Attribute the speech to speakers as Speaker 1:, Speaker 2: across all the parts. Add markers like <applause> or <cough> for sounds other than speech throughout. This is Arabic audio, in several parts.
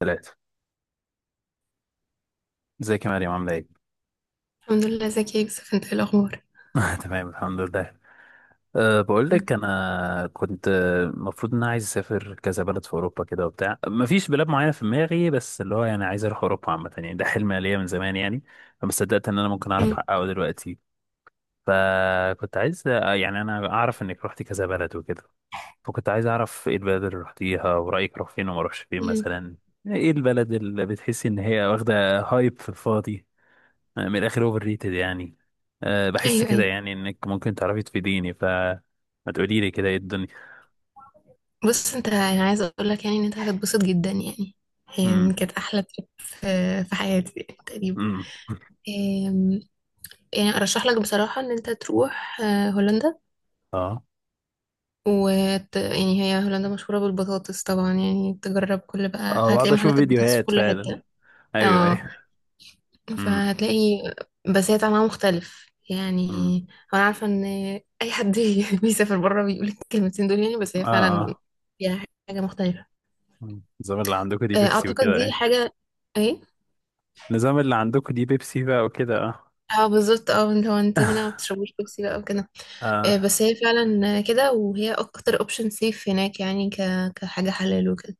Speaker 1: ثلاثة. ازيك يا مريم، عاملة ايه؟
Speaker 2: الحمد لله، ازيك يا يوسف؟ انت ايه الاخبار؟
Speaker 1: <laughs> تمام، الحمد لله. بقول
Speaker 2: مم.
Speaker 1: لك انا كنت، المفروض ان انا عايز اسافر كذا بلد في اوروبا كده وبتاع، مفيش بلاد معينة في دماغي، بس اللي هو يعني عايز اروح اوروبا عامة، يعني ده حلم ليا من زمان يعني. فما صدقت ان انا ممكن اعرف احققه دلوقتي. فكنت عايز، يعني انا اعرف انك رحتي كذا بلد وكده. فكنت عايز اعرف ايه البلد اللي رحتيها، ورأيك اروح فين وما اروحش فين
Speaker 2: مم.
Speaker 1: مثلا. ايه البلد اللي بتحسي ان هي واخدة هايب في الفاضي. أنا من الاخر اوفر ريتد يعني. أه بحس
Speaker 2: ايوه،
Speaker 1: كده
Speaker 2: ايوه.
Speaker 1: يعني انك ممكن تعرفي تفيديني، فما تقولي لي كده ايه الدنيا.
Speaker 2: بص، انت انا عايزه اقول لك يعني ان انت هتتبسط جدا يعني. هي يعني
Speaker 1: امم.
Speaker 2: كانت احلى ترip في حياتي يعني تقريبا.
Speaker 1: امم.
Speaker 2: أم، يعني ارشح لك بصراحه ان انت تروح هولندا.
Speaker 1: اه.
Speaker 2: يعني هي هولندا مشهوره بالبطاطس طبعا، يعني تجرب. كل بقى
Speaker 1: اه، بقعد
Speaker 2: هتلاقي
Speaker 1: اشوف
Speaker 2: محلات البطاطس في
Speaker 1: فيديوهات
Speaker 2: كل
Speaker 1: فعلا.
Speaker 2: حته.
Speaker 1: ايوه،
Speaker 2: اه،
Speaker 1: ايوه. امم.
Speaker 2: فهتلاقي بساتة معناه مختلف يعني.
Speaker 1: امم.
Speaker 2: انا عارفه ان اي حد <laughs> بيسافر بره بيقول الكلمتين دول يعني، بس هي
Speaker 1: اه.
Speaker 2: فعلا
Speaker 1: اه.
Speaker 2: فيها حاجه مختلفه.
Speaker 1: مم. النظام اللي عندكم دي بيبسي
Speaker 2: اعتقد
Speaker 1: وكده،
Speaker 2: دي
Speaker 1: ايه؟
Speaker 2: حاجه. ايه.
Speaker 1: النظام اللي عندكم دي بيبسي بقى وكده، اه.
Speaker 2: اه بالظبط، اه اللي هو انتوا هنا ما
Speaker 1: <laughs>
Speaker 2: بتشربوش بيبسي بقى وكده.
Speaker 1: اه.
Speaker 2: بس هي فعلا كده، وهي اكتر اوبشن سيف هناك يعني كحاجه حلال وكده.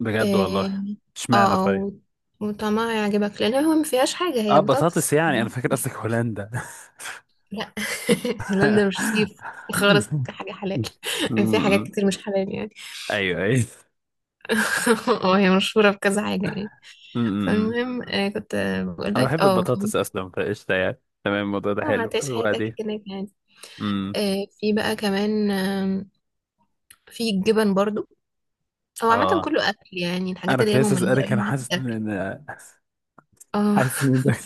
Speaker 1: بجد والله.
Speaker 2: اه. اه.
Speaker 1: اشمعنى طيب.
Speaker 2: وطعمها يعجبك لان هو ما فيهاش حاجه، هي
Speaker 1: اه، بطاطس،
Speaker 2: بطاطس.
Speaker 1: يعني انا فاكر قصدك هولندا.
Speaker 2: لا، <laughs> هولندا مش صيف خالص كحاجة حلال.
Speaker 1: <laughs>
Speaker 2: <laughs> في حاجات
Speaker 1: امم.
Speaker 2: كتير مش حلال يعني.
Speaker 1: ايوه، ايوه.
Speaker 2: <laughs> وهي مشهورة بكذا حاجة يعني.
Speaker 1: امم.
Speaker 2: فالمهم آه، كنت آه، بقول
Speaker 1: انا
Speaker 2: لك،
Speaker 1: بحب
Speaker 2: اه فاهم؟
Speaker 1: البطاطس اصلا، فقشطه يعني تمام، الموضوع ده
Speaker 2: اه
Speaker 1: حلو.
Speaker 2: هتعيش حياتك
Speaker 1: وبعدين
Speaker 2: هناك يعني.
Speaker 1: امم
Speaker 2: في بقى كمان، في الجبن برضو. هو عامة
Speaker 1: اه
Speaker 2: كله أكل، يعني الحاجات
Speaker 1: انا
Speaker 2: اللي
Speaker 1: كنت
Speaker 2: هي
Speaker 1: لسه
Speaker 2: مميزة
Speaker 1: اسالك،
Speaker 2: أوي
Speaker 1: انا
Speaker 2: هناك
Speaker 1: حاسس ان
Speaker 2: الأكل.
Speaker 1: إن- <laughs>
Speaker 2: اه.
Speaker 1: حاسس ان ده <laughs>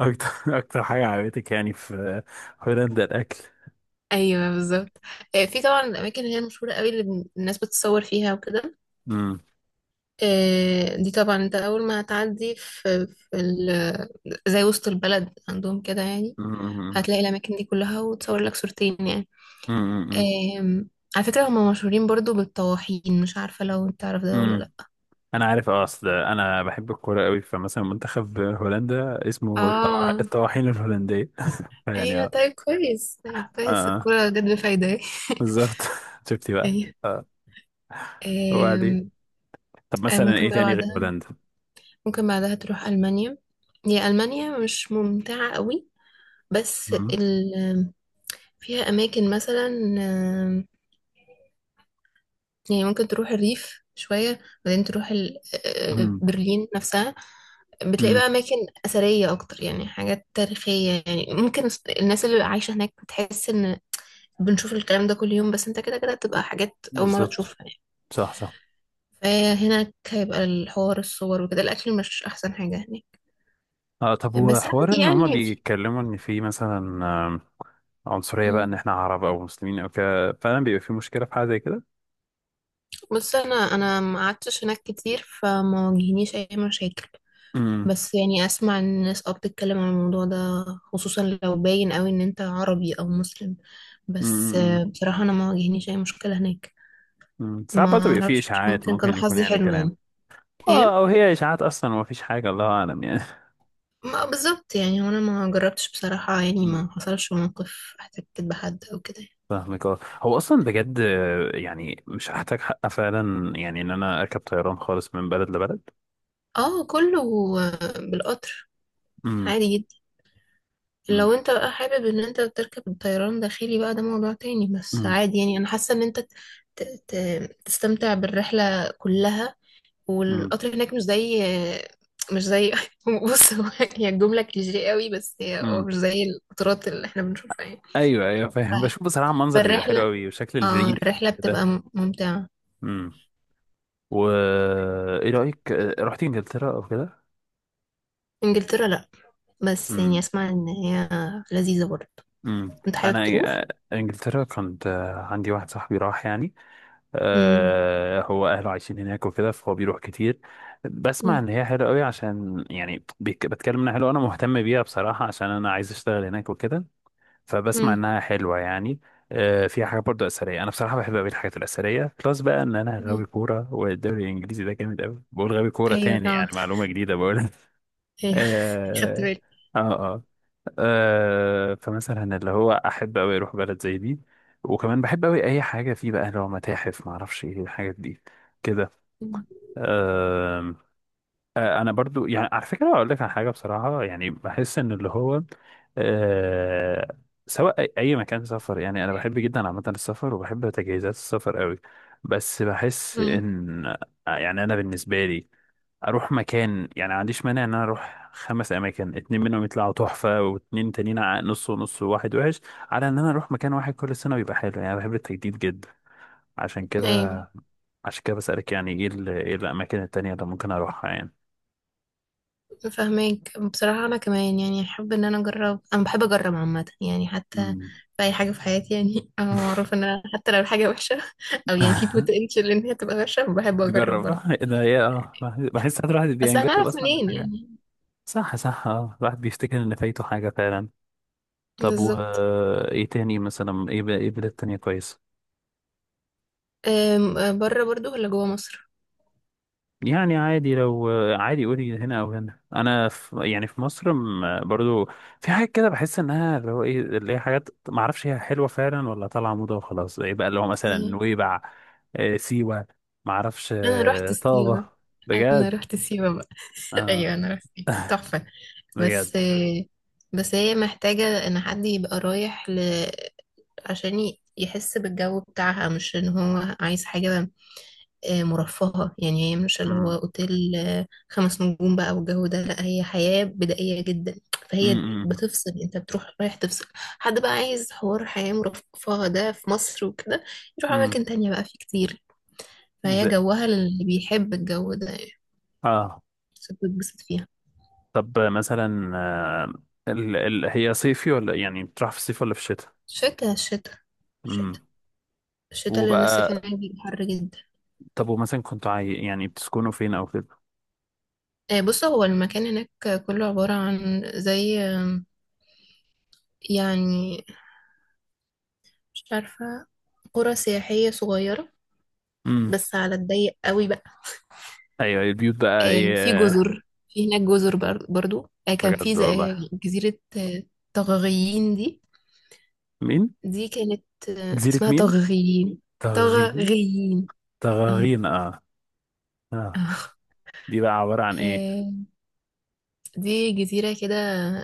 Speaker 1: اكتر اكتر حاجه عجبتك يعني في هولندا، الاكل.
Speaker 2: <laughs> ايوه بالظبط. في طبعا الاماكن اللي هي مشهوره قوي اللي الناس بتتصور فيها وكده.
Speaker 1: امم.
Speaker 2: دي طبعا انت اول ما هتعدي زي وسط البلد عندهم كده يعني.
Speaker 1: امم.
Speaker 2: هتلاقي الاماكن دي كلها، وتصور لك صورتين يعني.
Speaker 1: امم.
Speaker 2: آم، على فكرة هم مشهورين برضو بالطواحين، مش عارفة لو انت تعرف ده ولا
Speaker 1: امم.
Speaker 2: لا.
Speaker 1: انا عارف، اصل انا بحب الكوره قوي، فمثلا منتخب هولندا اسمه
Speaker 2: اه.
Speaker 1: الطواحين الهولنديه <laughs> يعني،
Speaker 2: ايوه
Speaker 1: اه.
Speaker 2: طيب كويس، طيب كويس،
Speaker 1: اه
Speaker 2: الكورة جت بفايدة.
Speaker 1: بالظبط، <laughs> شفتي
Speaker 2: <laughs>
Speaker 1: بقى.
Speaker 2: ايوه.
Speaker 1: اه. وبعدين
Speaker 2: آم،
Speaker 1: طب
Speaker 2: آه،
Speaker 1: مثلا
Speaker 2: ممكن
Speaker 1: ايه
Speaker 2: بقى
Speaker 1: تاني غير
Speaker 2: بعدها،
Speaker 1: هولندا؟
Speaker 2: ممكن بعدها تروح المانيا. هي المانيا مش ممتعة قوي، بس ال... فيها اماكن مثلا، يعني ممكن تروح الريف شوية، بعدين تروح
Speaker 1: امم.
Speaker 2: برلين نفسها. بتلاقي بقى أماكن أثرية أكتر يعني، حاجات تاريخية. يعني ممكن الناس اللي عايشة هناك بتحس إن بنشوف الكلام ده كل يوم، بس أنت كده كده بتبقى حاجات أول مرة تشوفها
Speaker 1: بالظبط.
Speaker 2: يعني.
Speaker 1: صح، صح.
Speaker 2: فهناك هيبقى الحوار الصور وكده، الأكل مش أحسن حاجة هناك،
Speaker 1: آه طب هو
Speaker 2: بس
Speaker 1: حوار
Speaker 2: عادي
Speaker 1: ان هما
Speaker 2: يعني. في
Speaker 1: بيتكلموا ان في مثلا عنصرية بقى
Speaker 2: مم.
Speaker 1: ان احنا عرب او مسلمين او كده، فعلا بيبقى في مشكلة في حاجة زي كده؟
Speaker 2: بص، أنا ما قعدتش هناك كتير، فما واجهنيش أي مشاكل.
Speaker 1: امم.
Speaker 2: بس يعني اسمع ان الناس اه بتتكلم عن الموضوع ده، خصوصا لو باين قوي ان انت عربي او مسلم. بس
Speaker 1: امم.
Speaker 2: بصراحة انا ما واجهنيش اي مشكلة هناك.
Speaker 1: أمم. ساعات
Speaker 2: ما
Speaker 1: برضه بيبقى في
Speaker 2: اعرفش،
Speaker 1: اشاعات،
Speaker 2: ممكن كان
Speaker 1: ممكن يكون
Speaker 2: حظي
Speaker 1: يعني
Speaker 2: حلو
Speaker 1: كلام.
Speaker 2: يعني. ايه.
Speaker 1: اه، او هي اشاعات اصلا ومفيش حاجة، الله اعلم يعني.
Speaker 2: ما بالظبط يعني، وانا ما جربتش بصراحة، يعني
Speaker 1: أمم.
Speaker 2: ما حصلش موقف احتكيت بحد او كده يعني.
Speaker 1: فاهمك. اه هو اصلا بجد، يعني مش هحتاج حق فعلا يعني ان انا اركب طيران خالص من بلد لبلد.
Speaker 2: اه كله بالقطر،
Speaker 1: امم.
Speaker 2: عادي جدا. لو
Speaker 1: امم.
Speaker 2: انت بقى حابب ان انت تركب الطيران داخلي بقى ده موضوع تاني، بس
Speaker 1: امم.
Speaker 2: عادي يعني. انا حاسة ان انت ت- تستمتع بالرحلة كلها، والقطر هناك مش زي <laughs> بص هو، هي الجملة كليشيه قوي، بس هي هو
Speaker 1: أمم.
Speaker 2: مش زي القطارات اللي احنا بنشوفها يعني.
Speaker 1: ايوه، ايوه،
Speaker 2: ف-
Speaker 1: فاهم، بشوف بصراحه منظر بيبقى حلو
Speaker 2: فالرحلة،
Speaker 1: قوي، وشكل
Speaker 2: اه
Speaker 1: الريف
Speaker 2: الرحلة
Speaker 1: كده.
Speaker 2: بتبقى ممتعة.
Speaker 1: امم. و ايه رايك، رحت انجلترا او كده؟
Speaker 2: انجلترا لا، بس يعني
Speaker 1: امم.
Speaker 2: اسمع ان هي لذيذة برضه.
Speaker 1: امم.
Speaker 2: انت
Speaker 1: انا،
Speaker 2: حابب تروح؟
Speaker 1: آه، انجلترا كنت، عندي واحد صاحبي راح يعني،
Speaker 2: مم.
Speaker 1: هو اهله عايشين هناك وكده، فهو بيروح كتير. بسمع
Speaker 2: مم.
Speaker 1: ان هي حلوه قوي، عشان يعني بيك- بتكلم انها حلوه، انا مهتم بيها بصراحه، عشان انا عايز اشتغل هناك وكده. فبسمع
Speaker 2: مم.
Speaker 1: انها حلوه يعني. فيها حاجه برضو اثريه، انا بصراحه بحب قوي الحاجات الاثريه، بلس بقى ان انا غاوي
Speaker 2: مم.
Speaker 1: كوره، والدوري الانجليزي ده جامد قوي. بقول غاوي كوره
Speaker 2: ايوه
Speaker 1: تاني
Speaker 2: طبعا.
Speaker 1: يعني، معلومه جديده بقول <laughs>
Speaker 2: ايوه. <laughs> خدت
Speaker 1: اه.
Speaker 2: بالي.
Speaker 1: اه، آه فمثلا اللي هو احب قوي اروح بلد زي دي. وكمان بحب قوي اي حاجه فيه بقى اللي هو متاحف، ما اعرفش ايه الحاجات دي كده.
Speaker 2: مم.
Speaker 1: آه، انا برضو يعني على فكره اقول لك على حاجه بصراحه، يعني بحس ان اللي هو آه سواء اي أي مكان سفر يعني، انا بحب جدا عامه السفر، وبحب تجهيزات السفر قوي. بس بحس
Speaker 2: مم.
Speaker 1: ان، يعني انا بالنسبه لي اروح مكان، يعني ما عنديش مانع ان انا اروح خمس اماكن، اتنين منهم يطلعوا تحفه واتنين تانيين نص ونص، وواحد وحش. على ان انا اروح مكان واحد كل سنه ويبقى حلو يعني، أنا بحب التجديد جدا. عشان كده،
Speaker 2: ايوه
Speaker 1: بسالك يعني ايه ايه الاماكن التانيه اللي ممكن اروحها يعني.
Speaker 2: فاهمك. بصراحة أنا كمان يعني أحب إن أنا أجرب، أنا بحب أجرب عامة يعني، حتى
Speaker 1: مم.
Speaker 2: في أي حاجة في حياتي يعني. <laughs> أنا معروف إن أنا حتى لو الحاجة وحشة <laughs> أو يعني في بوتنشال إن هي تبقى وحشة بحب أجرب
Speaker 1: نجرب،
Speaker 2: برضه.
Speaker 1: إيه ده ايه، اه بحس ساعات الواحد
Speaker 2: بس أنا
Speaker 1: بينجذب
Speaker 2: أعرف
Speaker 1: اصلا
Speaker 2: منين
Speaker 1: لحاجة.
Speaker 2: يعني؟
Speaker 1: صح، صح. اه الواحد بيفتكر ان فايته حاجة فعلا. طب و،
Speaker 2: بالظبط.
Speaker 1: ايه تاني مثلا، ايه ايه بلاد تانية كويسة؟
Speaker 2: بره برضه ولا جوه مصر؟
Speaker 1: يعني عادي، لو، عادي، قولي هنا او هنا، انا في يعني في مصر برضو في حاجات كده بحس انها اللي هو ايه، اللي هي حاجات ما اعرفش هي حلوة فعلا ولا طالعة موضة وخلاص. ايه بقى اللي هو مثلا
Speaker 2: إزاي؟
Speaker 1: نويبع، سيوة، ما اعرفش،
Speaker 2: أنا رحت
Speaker 1: طابة.
Speaker 2: سيوة. أنا
Speaker 1: بجد.
Speaker 2: رحت سيوة بقى. <laughs>
Speaker 1: اه
Speaker 2: أيوة أنا رحت سيوة تحفة. بس
Speaker 1: بجد.
Speaker 2: بس هي محتاجة إن حد يبقى رايح، عشان يحس بالجو بتاعها، مش ان هو عايز حاجة مرفهة. يعني هي مش اللي هو اوتيل 5 نجوم بقى والجو ده، لا هي حياة بدائية جدا. فهي
Speaker 1: امم.
Speaker 2: بتفصل، انت بتروح رايح تفصل. حد بقى عايز حوار حياة مرفهة ده في مصر وكده يروح
Speaker 1: امم.
Speaker 2: اماكن تانية، بقى في كتير. فهي
Speaker 1: زي.
Speaker 2: جوها اللي بيحب الجو ده يعني،
Speaker 1: اه
Speaker 2: بس بتتبسط فيها.
Speaker 1: طب مثلا آه هي صيفي ولا يعني بتروح في الصيف ولا في الشتاء؟
Speaker 2: شتا شتا شتا.
Speaker 1: امم.
Speaker 2: الشتا اللي الناس
Speaker 1: وبقى
Speaker 2: فيه هناك بيبقى حر جدا.
Speaker 1: طب ومثلا يعني بتسكنوا فين او كده؟
Speaker 2: بص هو المكان هناك كله عبارة عن زي، يعني مش عارفة، قرى سياحية صغيرة،
Speaker 1: امم.
Speaker 2: بس على الضيق قوي بقى.
Speaker 1: ايوه، البيوت بقى
Speaker 2: في
Speaker 1: ايه؟
Speaker 2: جزر. في هناك جزر بر- برضو آه، كان في
Speaker 1: بجد
Speaker 2: ز- آه،
Speaker 1: والله.
Speaker 2: جزيرة طغغيين دي.
Speaker 1: مين؟
Speaker 2: دي كانت
Speaker 1: جزيرة
Speaker 2: اسمها
Speaker 1: مين؟
Speaker 2: طغغيين.
Speaker 1: تغغين.
Speaker 2: طغغيين اه.
Speaker 1: تغغين، اه.
Speaker 2: <laughs>
Speaker 1: اه.
Speaker 2: آه.
Speaker 1: دي بقى عبارة عن ايه؟
Speaker 2: آه، دي جزيرة كده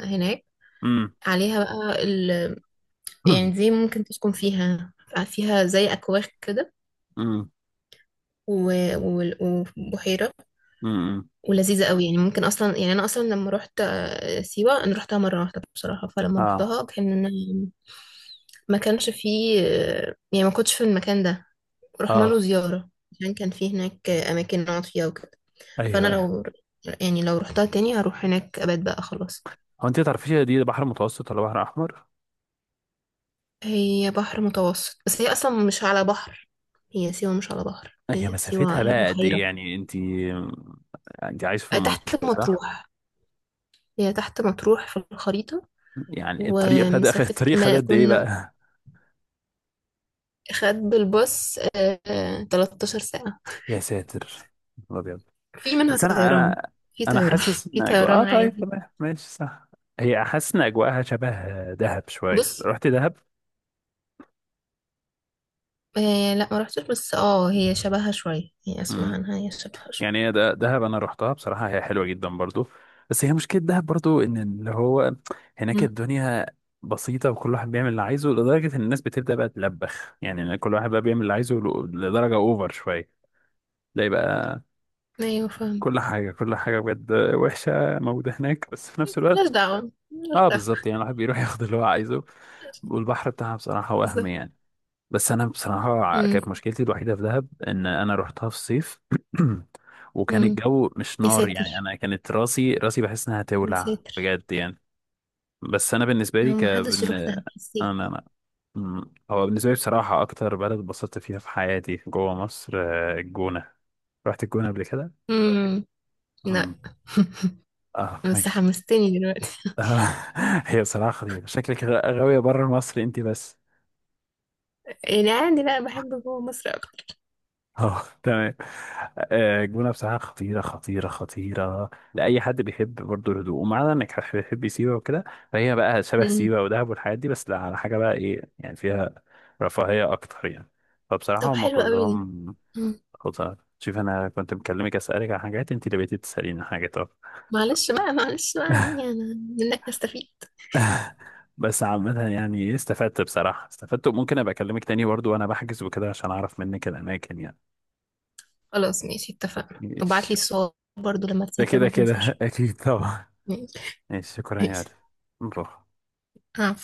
Speaker 2: هناك،
Speaker 1: امم.
Speaker 2: عليها بقى ال... يعني
Speaker 1: <clears throat>
Speaker 2: دي ممكن تسكن فيها، فيها زي أكواخ كده،
Speaker 1: امم.
Speaker 2: و... وال- وبحيرة،
Speaker 1: امم.
Speaker 2: ولذيذة قوي يعني. ممكن أصلا، يعني أنا أصلا لما روحت سيوة أنا روحتها مرة واحدة بصراحة، فلما
Speaker 1: اه.
Speaker 2: روحتها ما كانش فيه يعني ما كنتش في المكان ده. رحنا له
Speaker 1: اه.
Speaker 2: زيارة عشان كان فيه هناك أماكن نقعد فيها وكده. فأنا
Speaker 1: ايوه، ايوه.
Speaker 2: لو، يعني لو روحتها تاني هروح هناك أبات بقى خلاص.
Speaker 1: هو انت تعرفيش دي بحر متوسط ولا بحر احمر؟
Speaker 2: هي بحر متوسط، بس هي أصلا مش على بحر، هي سيوة مش على بحر،
Speaker 1: هي
Speaker 2: هي سيوة
Speaker 1: مسافتها
Speaker 2: على
Speaker 1: بقى قد ايه؟
Speaker 2: بحيرة.
Speaker 1: يعني انت عايش في
Speaker 2: تحت
Speaker 1: المنصورة صح؟
Speaker 2: مطروح، هي تحت مطروح في الخريطة.
Speaker 1: يعني الطريق
Speaker 2: ومسافة
Speaker 1: الطريق خد
Speaker 2: ما
Speaker 1: قد ايه
Speaker 2: كنا،
Speaker 1: بقى؟
Speaker 2: خد بالباص 13 ساعة.
Speaker 1: <laughs> يا ساتر. يا نهار ابيض.
Speaker 2: في منها
Speaker 1: بس انا،
Speaker 2: طيران،
Speaker 1: انا
Speaker 2: في
Speaker 1: انا
Speaker 2: طيران
Speaker 1: حاسس
Speaker 2: <laughs> في
Speaker 1: ان اجواء،
Speaker 2: طيران
Speaker 1: اه طيب،
Speaker 2: عادي.
Speaker 1: تمام، ماشي، صح. هي حاسس ان اجواءها شبه دهب شوية،
Speaker 2: بص،
Speaker 1: رحت دهب؟
Speaker 2: آه لا ما رحتش، بس اه هي شبهها شوية، هي اسمع عنها هي شبهها شوية.
Speaker 1: يعني هي، ده دهب انا رحتها بصراحه، هي حلوه جدا برضو. بس هي مشكله دهب برضو ان اللي هو هناك
Speaker 2: مم.
Speaker 1: الدنيا بسيطه، وكل واحد بيعمل اللي عايزه، لدرجه ان الناس بتبدا بقى تلبخ يعني، كل واحد بقى بيعمل اللي عايزه، لدرجه اوفر شويه. تلاقي بقى
Speaker 2: ايوه فاهم.
Speaker 1: كل حاجه كل حاجه بجد وحشه موجوده هناك، بس في نفس
Speaker 2: ملهاش
Speaker 1: الوقت
Speaker 2: دعوة، ملهاش
Speaker 1: اه
Speaker 2: دعوة.
Speaker 1: بالظبط يعني الواحد بيروح <laughs> ياخد اللي هو عايزه. والبحر بتاعها بصراحه وهم
Speaker 2: بالظبط.
Speaker 1: يعني. بس انا بصراحه
Speaker 2: مم.
Speaker 1: كانت مشكلتي الوحيده في دهب ان انا رحتها في الصيف. <clears throat> وكان
Speaker 2: مم.
Speaker 1: الجو مش
Speaker 2: يا
Speaker 1: نار يعني،
Speaker 2: ساتر،
Speaker 1: انا كانت راسي راسي بحس انها
Speaker 2: يا
Speaker 1: تولع
Speaker 2: ساتر.
Speaker 1: بجد يعني. بس انا بالنسبه لي
Speaker 2: لو
Speaker 1: ك
Speaker 2: ما حدش
Speaker 1: بن...
Speaker 2: يروح ده
Speaker 1: انا
Speaker 2: حسيت.
Speaker 1: انا أمم، هو بالنسبه لي بصراحه اكتر بلد اتبسطت فيها في حياتي جوه مصر، الجونه. رحت الجونه قبل كده؟
Speaker 2: مم. لا.
Speaker 1: أمم.
Speaker 2: <laughs>
Speaker 1: اه
Speaker 2: بس
Speaker 1: ماشي.
Speaker 2: حمستني دلوقتي.
Speaker 1: آه، <laughs> هي صراحه خطيره، شكلك غاويه بره مصر انت بس.
Speaker 2: يعني عادي، لا بحب جوه مصر اكتر.
Speaker 1: <laughs> اه تمام. الجونة بصراحة خطيرة خطيرة خطيرة لأي حد بيحب برضه الهدوء، ومعنى إنك بتحب سيوة وكده، فهي بقى شبه
Speaker 2: مم.
Speaker 1: سيوة ودهب والحاجات دي، بس لا، على حاجة بقى إيه يعني، فيها رفاهية أكتر يعني. فبصراحة
Speaker 2: طب
Speaker 1: هما
Speaker 2: حلو قوي دي.
Speaker 1: كلهم خطر. شوف أنا كنت مكلمك أسألك عن حاجات، أنت اللي بقيتي تسأليني عن حاجات، أه.
Speaker 2: معلش بقى، معلش بقى، يعني انا منك نستفيد.
Speaker 1: بس عامة يعني إيه، استفدت بصراحة، استفدت، وممكن أبقى أكلمك تاني برضه وأنا بحجز وكده عشان أعرف منك الأماكن يعني.
Speaker 2: خلاص ماشي اتفقنا، وبعت لي
Speaker 1: ماشي.
Speaker 2: الصور برضو لما
Speaker 1: ده
Speaker 2: تسافر
Speaker 1: كده
Speaker 2: ما
Speaker 1: كده <laughs>
Speaker 2: تنساش.
Speaker 1: أكيد طبعا.
Speaker 2: ماشي.
Speaker 1: ماشي، شكرا يا
Speaker 2: ماشي.
Speaker 1: عارف. نروح.